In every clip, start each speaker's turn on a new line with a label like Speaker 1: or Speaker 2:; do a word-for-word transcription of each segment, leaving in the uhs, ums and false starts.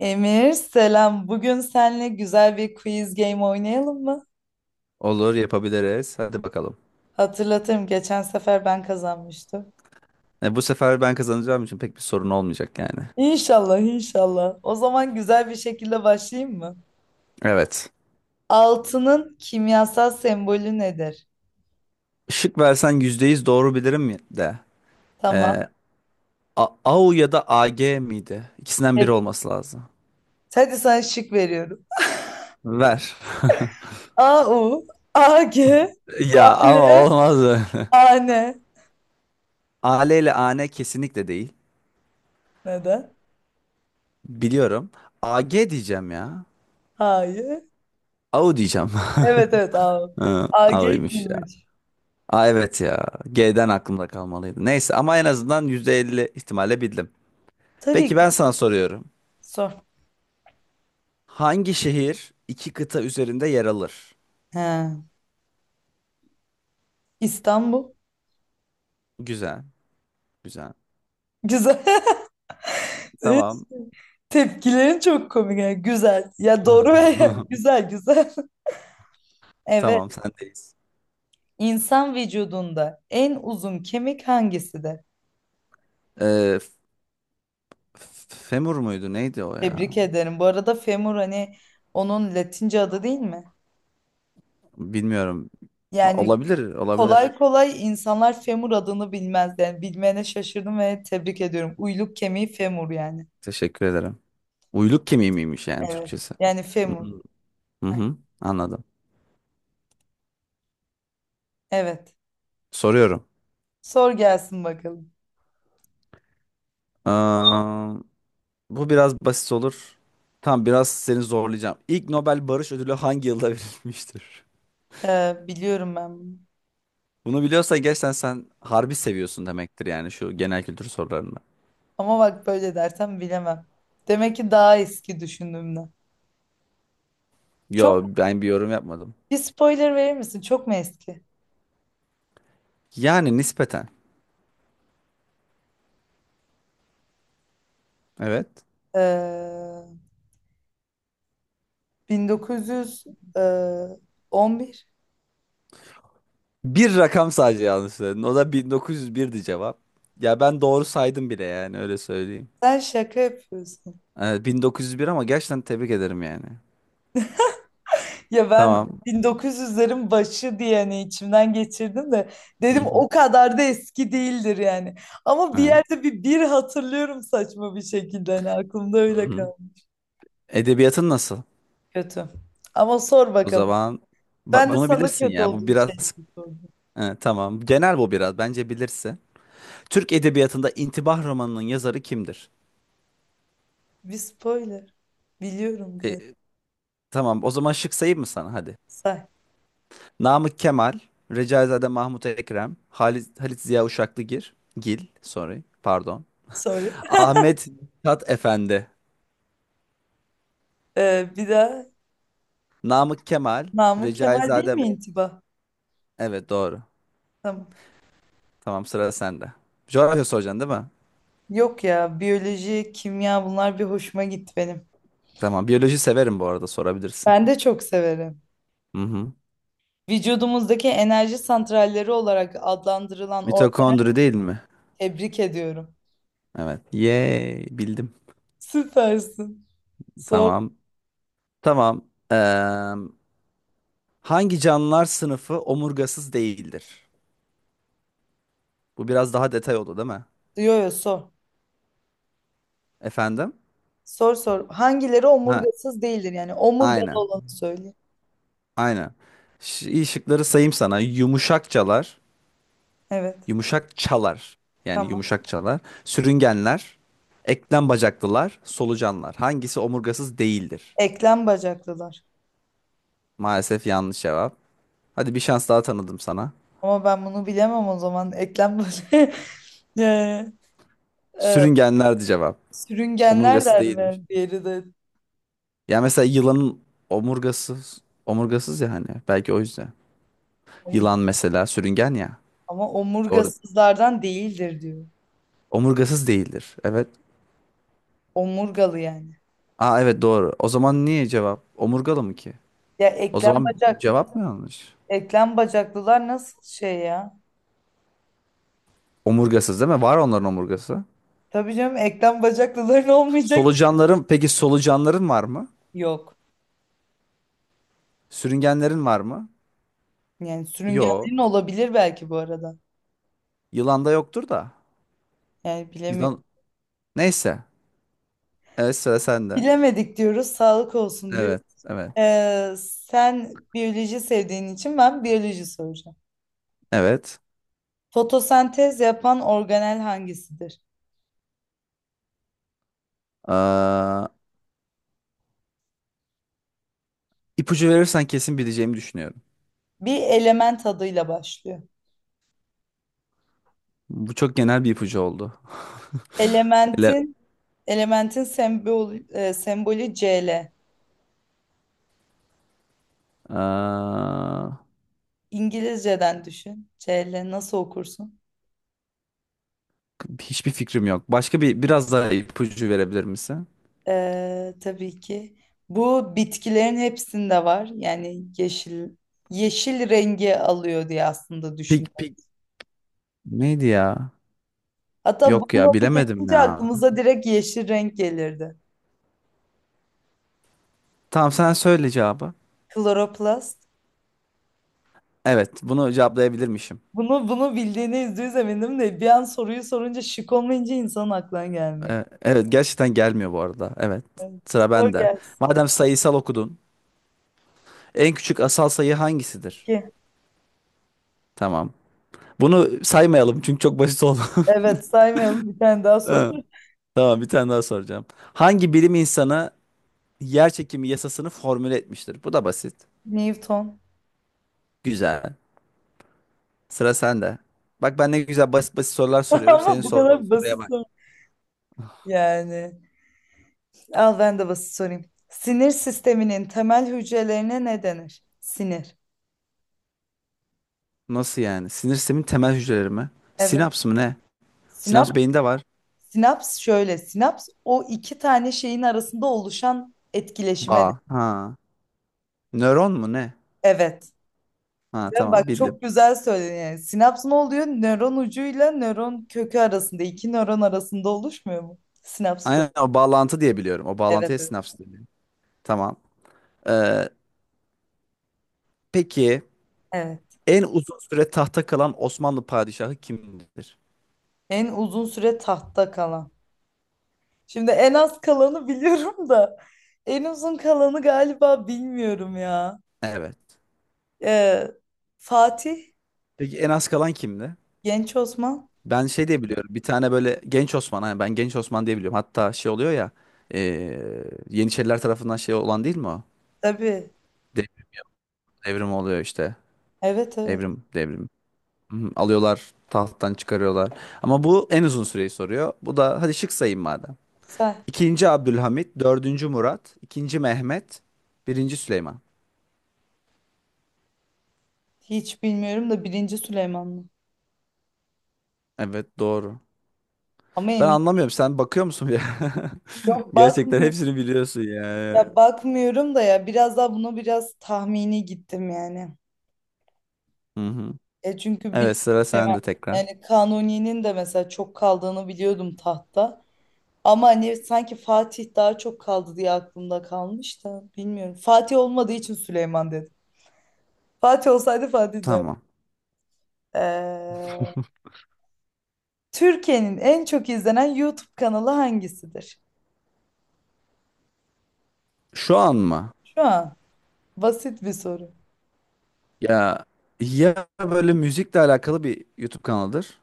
Speaker 1: Emir, selam. Bugün seninle güzel bir quiz game oynayalım mı?
Speaker 2: Olur yapabiliriz. Hadi bakalım.
Speaker 1: Hatırlatırım, geçen sefer ben kazanmıştım.
Speaker 2: E, bu sefer ben kazanacağım için pek bir sorun olmayacak yani.
Speaker 1: İnşallah, inşallah. O zaman güzel bir şekilde başlayayım mı?
Speaker 2: Evet.
Speaker 1: Altının kimyasal sembolü nedir?
Speaker 2: Şık versen yüzde yüz doğru bilirim mi de.
Speaker 1: Tamam.
Speaker 2: E, A- AU ya da A G miydi? İkisinden biri
Speaker 1: Hep.
Speaker 2: olması lazım.
Speaker 1: Hadi sana şık veriyorum.
Speaker 2: Ver.
Speaker 1: A U, A G,
Speaker 2: Ya ama
Speaker 1: L,
Speaker 2: olmaz öyle.
Speaker 1: AN.
Speaker 2: A L ile A N kesinlikle değil.
Speaker 1: Neden?
Speaker 2: Biliyorum. A G diyeceğim ya.
Speaker 1: Hayır.
Speaker 2: A U diyeceğim.
Speaker 1: Evet, evet, A U.
Speaker 2: Hı,
Speaker 1: A G
Speaker 2: A U'ymuş ya.
Speaker 1: gümüş.
Speaker 2: Aa, evet ya. G'den aklımda kalmalıydı. Neyse ama en azından yüzde elli ihtimalle bildim.
Speaker 1: Tabii
Speaker 2: Peki
Speaker 1: ki.
Speaker 2: ben sana soruyorum.
Speaker 1: Sor.
Speaker 2: Hangi şehir iki kıta üzerinde yer alır?
Speaker 1: He. İstanbul.
Speaker 2: Güzel, güzel.
Speaker 1: Güzel. Evet.
Speaker 2: Tamam.
Speaker 1: Tepkilerin çok komik, yani güzel. Ya, doğru ve güzel güzel. Evet.
Speaker 2: Tamam, sendeyiz.
Speaker 1: İnsan vücudunda en uzun kemik hangisidir?
Speaker 2: Ee, F- Femur muydu? Neydi o ya?
Speaker 1: Tebrik ederim. Bu arada femur, hani onun Latince adı değil mi?
Speaker 2: Bilmiyorum.
Speaker 1: Yani
Speaker 2: Olabilir, olabilir.
Speaker 1: kolay kolay insanlar femur adını bilmez. Yani bilmeyene şaşırdım ve tebrik ediyorum. Uyluk kemiği femur yani.
Speaker 2: Teşekkür ederim. Uyluk kemiği miymiş yani
Speaker 1: Evet.
Speaker 2: Türkçesi?
Speaker 1: Yani
Speaker 2: Hı
Speaker 1: femur.
Speaker 2: hı, hı hı, anladım.
Speaker 1: Evet.
Speaker 2: Soruyorum.
Speaker 1: Sor gelsin bakalım.
Speaker 2: Aa, bu biraz basit olur. Tamam, biraz seni zorlayacağım. İlk Nobel Barış Ödülü hangi yılda verilmiştir?
Speaker 1: Ee, biliyorum ben bunu.
Speaker 2: Bunu biliyorsan gerçekten sen harbi seviyorsun demektir yani şu genel kültür sorularını.
Speaker 1: Ama bak, böyle dersem bilemem. Demek ki daha eski düşündüğümden.
Speaker 2: Yo
Speaker 1: Çok...
Speaker 2: ben bir yorum yapmadım.
Speaker 1: Bir spoiler verir misin? Çok mu eski?
Speaker 2: Yani nispeten. Evet.
Speaker 1: Ee, bin dokuz yüz on bir.
Speaker 2: Bir rakam sadece yanlış söyledin. O da bin dokuz yüz birdi cevap. Ya ben doğru saydım bile yani öyle söyleyeyim.
Speaker 1: Sen şaka yapıyorsun.
Speaker 2: Evet, bin dokuz yüz bir ama gerçekten tebrik ederim yani.
Speaker 1: Ya ben
Speaker 2: Tamam.
Speaker 1: bin dokuz yüzlerin başı diye, hani, içimden geçirdim de
Speaker 2: Hı
Speaker 1: dedim
Speaker 2: hı.
Speaker 1: o kadar da eski değildir yani. Ama bir
Speaker 2: Evet.
Speaker 1: yerde bir bir hatırlıyorum, saçma bir şekilde hani aklımda
Speaker 2: Hı
Speaker 1: öyle
Speaker 2: hı.
Speaker 1: kaldı.
Speaker 2: Edebiyatın nasıl?
Speaker 1: Kötü. Ama sor
Speaker 2: O
Speaker 1: bakalım.
Speaker 2: zaman
Speaker 1: Ben
Speaker 2: ba-
Speaker 1: de... Bak,
Speaker 2: bunu
Speaker 1: sana
Speaker 2: bilirsin
Speaker 1: kötü
Speaker 2: ya. Bu
Speaker 1: olduğun şeyi
Speaker 2: biraz.
Speaker 1: sor.
Speaker 2: Evet, tamam. Genel bu biraz. Bence bilirsin. Türk edebiyatında İntibah romanının yazarı kimdir?
Speaker 1: Bir spoiler. Biliyorum galiba.
Speaker 2: E, Tamam o zaman şık sayayım mı sana hadi.
Speaker 1: Say.
Speaker 2: Namık Kemal, Recaizade Mahmut Ekrem, Halit, Halit Ziya Uşaklıgil, Gil, sorry, pardon.
Speaker 1: Sorry.
Speaker 2: Ahmet Mithat Efendi,
Speaker 1: Ee, bir daha...
Speaker 2: Namık Kemal,
Speaker 1: Namık Kemal değil
Speaker 2: Recaizade...
Speaker 1: mi intiba?
Speaker 2: Evet doğru.
Speaker 1: Tamam.
Speaker 2: Tamam sıra sende. Coğrafya soracaksın değil mi?
Speaker 1: Yok ya, biyoloji, kimya, bunlar bir hoşuma gitti benim.
Speaker 2: Tamam biyoloji severim bu arada sorabilirsin.
Speaker 1: Ben de çok severim.
Speaker 2: Hı hı.
Speaker 1: Vücudumuzdaki enerji santralleri olarak adlandırılan organ...
Speaker 2: Mitokondri değil mi?
Speaker 1: Tebrik ediyorum.
Speaker 2: Evet. Yay bildim.
Speaker 1: Süpersin. Sor.
Speaker 2: Tamam. Tamam. Eee, hangi canlılar sınıfı omurgasız değildir? Bu biraz daha detay oldu değil mi?
Speaker 1: Yo yo, sor.
Speaker 2: Efendim?
Speaker 1: Sor sor. Hangileri
Speaker 2: Ha,
Speaker 1: omurgasız değildir, yani omurgalı
Speaker 2: aynen.
Speaker 1: olanı söyle.
Speaker 2: Aynen. Ş- iyi şıkları sayayım sana. Yumuşakçalar,
Speaker 1: Evet.
Speaker 2: yumuşak çalar. Yani
Speaker 1: Tamam.
Speaker 2: yumuşak çalar. Sürüngenler, eklem bacaklılar, solucanlar. Hangisi omurgasız değildir?
Speaker 1: Eklem bacaklılar.
Speaker 2: Maalesef yanlış cevap. Hadi bir şans daha tanıdım sana.
Speaker 1: Ama ben bunu bilemem o zaman. Eklem böyle. Ee, e,
Speaker 2: Sürüngenlerdi cevap.
Speaker 1: sürüngenler
Speaker 2: Omurgası
Speaker 1: der
Speaker 2: değilmiş.
Speaker 1: mi? Diğeri de.
Speaker 2: Ya mesela yılanın omurgasız, omurgasız ya hani. Belki o yüzden.
Speaker 1: Ay.
Speaker 2: Yılan mesela sürüngen ya.
Speaker 1: Ama
Speaker 2: Doğru.
Speaker 1: omurgasızlardan değildir diyor.
Speaker 2: Omurgasız değildir. Evet.
Speaker 1: Omurgalı yani.
Speaker 2: Aa, evet doğru. O zaman niye cevap? Omurgalı mı ki?
Speaker 1: Ya,
Speaker 2: O
Speaker 1: eklem
Speaker 2: zaman
Speaker 1: bacak,
Speaker 2: cevap mı yanlış?
Speaker 1: eklem bacaklılar nasıl şey ya?
Speaker 2: Omurgasız değil mi? Var onların omurgası.
Speaker 1: Tabii canım, eklem bacaklıların olmayacak ki.
Speaker 2: Solucanların peki solucanların var mı?
Speaker 1: Yok.
Speaker 2: Sürüngenlerin var mı?
Speaker 1: Yani
Speaker 2: Yo.
Speaker 1: sürüngenlerin olabilir belki bu arada.
Speaker 2: Yılanda yoktur da.
Speaker 1: Yani bilemiyorum.
Speaker 2: Yılan neyse. Evet sıra sende.
Speaker 1: Bilemedik diyoruz. Sağlık olsun diyor.
Speaker 2: Evet. Evet.
Speaker 1: Ee, sen biyoloji sevdiğin için ben biyoloji soracağım.
Speaker 2: Evet.
Speaker 1: Fotosentez yapan organel hangisidir?
Speaker 2: Aa, ipucu verirsen kesin bileceğimi düşünüyorum.
Speaker 1: Bir element adıyla başlıyor.
Speaker 2: Bu çok genel bir ipucu oldu. Ele...
Speaker 1: Elementin elementin sembol e, sembolü Cl.
Speaker 2: Aa,
Speaker 1: İngilizceden düşün. C Cl nasıl okursun?
Speaker 2: hiçbir fikrim yok. Başka bir biraz daha ipucu verebilir misin?
Speaker 1: Ee, tabii ki. Bu bitkilerin hepsinde var. Yani yeşil yeşil rengi alıyor diye aslında
Speaker 2: Pik pik
Speaker 1: düşünüyorum.
Speaker 2: neydi ya?
Speaker 1: Hatta
Speaker 2: Yok
Speaker 1: bunun
Speaker 2: ya
Speaker 1: adı
Speaker 2: bilemedim
Speaker 1: geçince
Speaker 2: ya.
Speaker 1: aklımıza direkt yeşil renk gelirdi.
Speaker 2: Tamam sen söyle cevabı.
Speaker 1: Kloroplast.
Speaker 2: Evet bunu cevaplayabilirmişim.
Speaker 1: Bunu bunu bildiğine yüzde yüz eminim de bir an soruyu sorunca şık olmayınca insanın aklına gelmiyor.
Speaker 2: Ee, evet gerçekten gelmiyor bu arada. Evet
Speaker 1: Evet,
Speaker 2: sıra
Speaker 1: sor
Speaker 2: bende.
Speaker 1: gelsin.
Speaker 2: Madem sayısal okudun. En küçük asal sayı hangisidir?
Speaker 1: İki.
Speaker 2: Tamam. Bunu saymayalım çünkü çok basit oldu.
Speaker 1: Evet, saymayalım, bir tane daha sor.
Speaker 2: Ha, tamam bir tane daha soracağım. Hangi bilim insanı yer çekimi yasasını formüle etmiştir? Bu da basit.
Speaker 1: Newton.
Speaker 2: Güzel. Sıra sende. Bak ben ne güzel basit basit sorular soruyorum. Senin
Speaker 1: Ama bu
Speaker 2: sorduğun
Speaker 1: kadar
Speaker 2: soruya
Speaker 1: basit
Speaker 2: bak.
Speaker 1: soru. Yani al, ben de basit sorayım. Sinir sisteminin temel hücrelerine ne denir? Sinir.
Speaker 2: Nasıl yani? Sinir sistemin temel hücreleri mi?
Speaker 1: Evet.
Speaker 2: Sinaps mı ne?
Speaker 1: Sinaps,
Speaker 2: Sinapsın beyinde var.
Speaker 1: sinaps şöyle. Sinaps o iki tane şeyin arasında oluşan etkileşime. de-
Speaker 2: Bağ. Ha. Nöron mu ne?
Speaker 1: Evet.
Speaker 2: Ha,
Speaker 1: Değil mi? Bak,
Speaker 2: tamam bildim.
Speaker 1: çok güzel söyledin yani. Sinaps ne oluyor? Nöron ucuyla nöron kökü arasında, iki nöron arasında oluşmuyor mu? Sinaps
Speaker 2: Aynen
Speaker 1: böyle.
Speaker 2: o bağlantı diye biliyorum. O
Speaker 1: Evet,
Speaker 2: bağlantıya
Speaker 1: evet.
Speaker 2: sinaps deniyor. Tamam. Ee, peki
Speaker 1: Evet.
Speaker 2: en uzun süre tahta kalan Osmanlı padişahı kimdir?
Speaker 1: En uzun süre tahtta kalan... Şimdi en az kalanı biliyorum da en uzun kalanı galiba bilmiyorum ya.
Speaker 2: Evet.
Speaker 1: Ee, Fatih,
Speaker 2: Peki en az kalan kimdi?
Speaker 1: Genç Osman.
Speaker 2: Ben şey diye biliyorum. Bir tane böyle Genç Osman. Hani ben Genç Osman diye biliyorum. Hatta şey oluyor ya. ee, Yeniçeriler tarafından şey olan değil mi o?
Speaker 1: Tabii.
Speaker 2: Dev- Devrim oluyor işte.
Speaker 1: Evet, evet.
Speaker 2: Evrim, devrim. Hı, alıyorlar, tahttan çıkarıyorlar. Ama bu en uzun süreyi soruyor. Bu da hadi şık sayayım madem.
Speaker 1: Sen.
Speaker 2: İkinci Abdülhamit, dördüncü Murat, ikinci Mehmet, birinci Süleyman.
Speaker 1: Hiç bilmiyorum da birinci Süleymanlı.
Speaker 2: Evet doğru.
Speaker 1: Ama
Speaker 2: Ben
Speaker 1: emin.
Speaker 2: anlamıyorum. Sen bakıyor musun ya?
Speaker 1: Yok,
Speaker 2: Gerçekten
Speaker 1: bakmıyorum.
Speaker 2: hepsini biliyorsun ya.
Speaker 1: Ya bakmıyorum da, ya biraz daha buna biraz tahmini gittim yani.
Speaker 2: Hı hı.
Speaker 1: E çünkü bir
Speaker 2: Evet sıra
Speaker 1: şey var.
Speaker 2: sende tekrar.
Speaker 1: Yani Kanuni'nin de mesela çok kaldığını biliyordum tahtta. Ama hani sanki Fatih daha çok kaldı diye aklımda kalmış da bilmiyorum. Fatih olmadığı için Süleyman dedim. Fatih olsaydı Fatih derdim.
Speaker 2: Tamam.
Speaker 1: Ee, Türkiye'nin en çok izlenen YouTube kanalı hangisidir?
Speaker 2: Şu an mı?
Speaker 1: Şu an... Basit bir soru.
Speaker 2: Ya ya böyle müzikle alakalı bir YouTube kanalıdır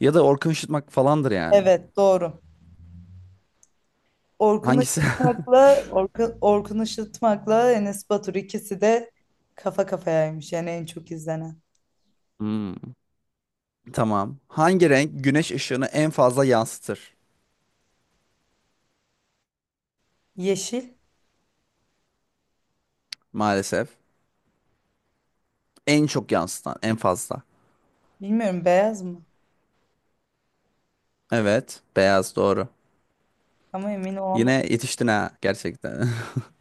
Speaker 2: ya da Orkun Işıtmak falandır yani.
Speaker 1: Evet, doğru. Orkun
Speaker 2: Hangisi?
Speaker 1: Işıtmak'la Orkun, Orkun Işıtmak'la Enes Batur, ikisi de kafa kafayaymış yani en çok izlenen.
Speaker 2: Hmm. Tamam. Hangi renk güneş ışığını en fazla yansıtır?
Speaker 1: Yeşil...
Speaker 2: Maalesef. En çok yansıtan, en fazla.
Speaker 1: Bilmiyorum, beyaz mı,
Speaker 2: Evet, beyaz doğru.
Speaker 1: ama emin olamadım.
Speaker 2: Yine yetiştin ha gerçekten.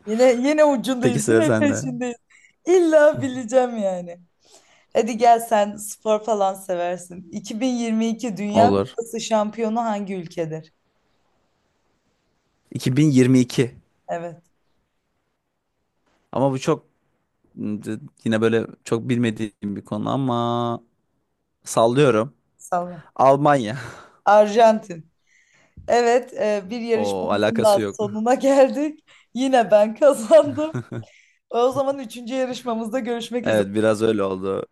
Speaker 1: Yine yine
Speaker 2: Peki
Speaker 1: ucundayız,
Speaker 2: sıra
Speaker 1: yine
Speaker 2: sende.
Speaker 1: peşindeyiz. İlla bileceğim yani. Hadi gel, sen spor falan seversin. iki bin yirmi iki Dünya
Speaker 2: Olur.
Speaker 1: Kupası şampiyonu hangi ülkedir?
Speaker 2: iki bin yirmi iki.
Speaker 1: Evet,
Speaker 2: Ama bu çok yine böyle çok bilmediğim bir konu ama sallıyorum.
Speaker 1: salla.
Speaker 2: Almanya.
Speaker 1: Arjantin. Evet, e, bir
Speaker 2: O
Speaker 1: yarışmamızın
Speaker 2: alakası
Speaker 1: daha
Speaker 2: yok.
Speaker 1: sonuna geldik. Yine ben kazandım. O zaman üçüncü yarışmamızda görüşmek üzere.
Speaker 2: Evet, biraz öyle oldu.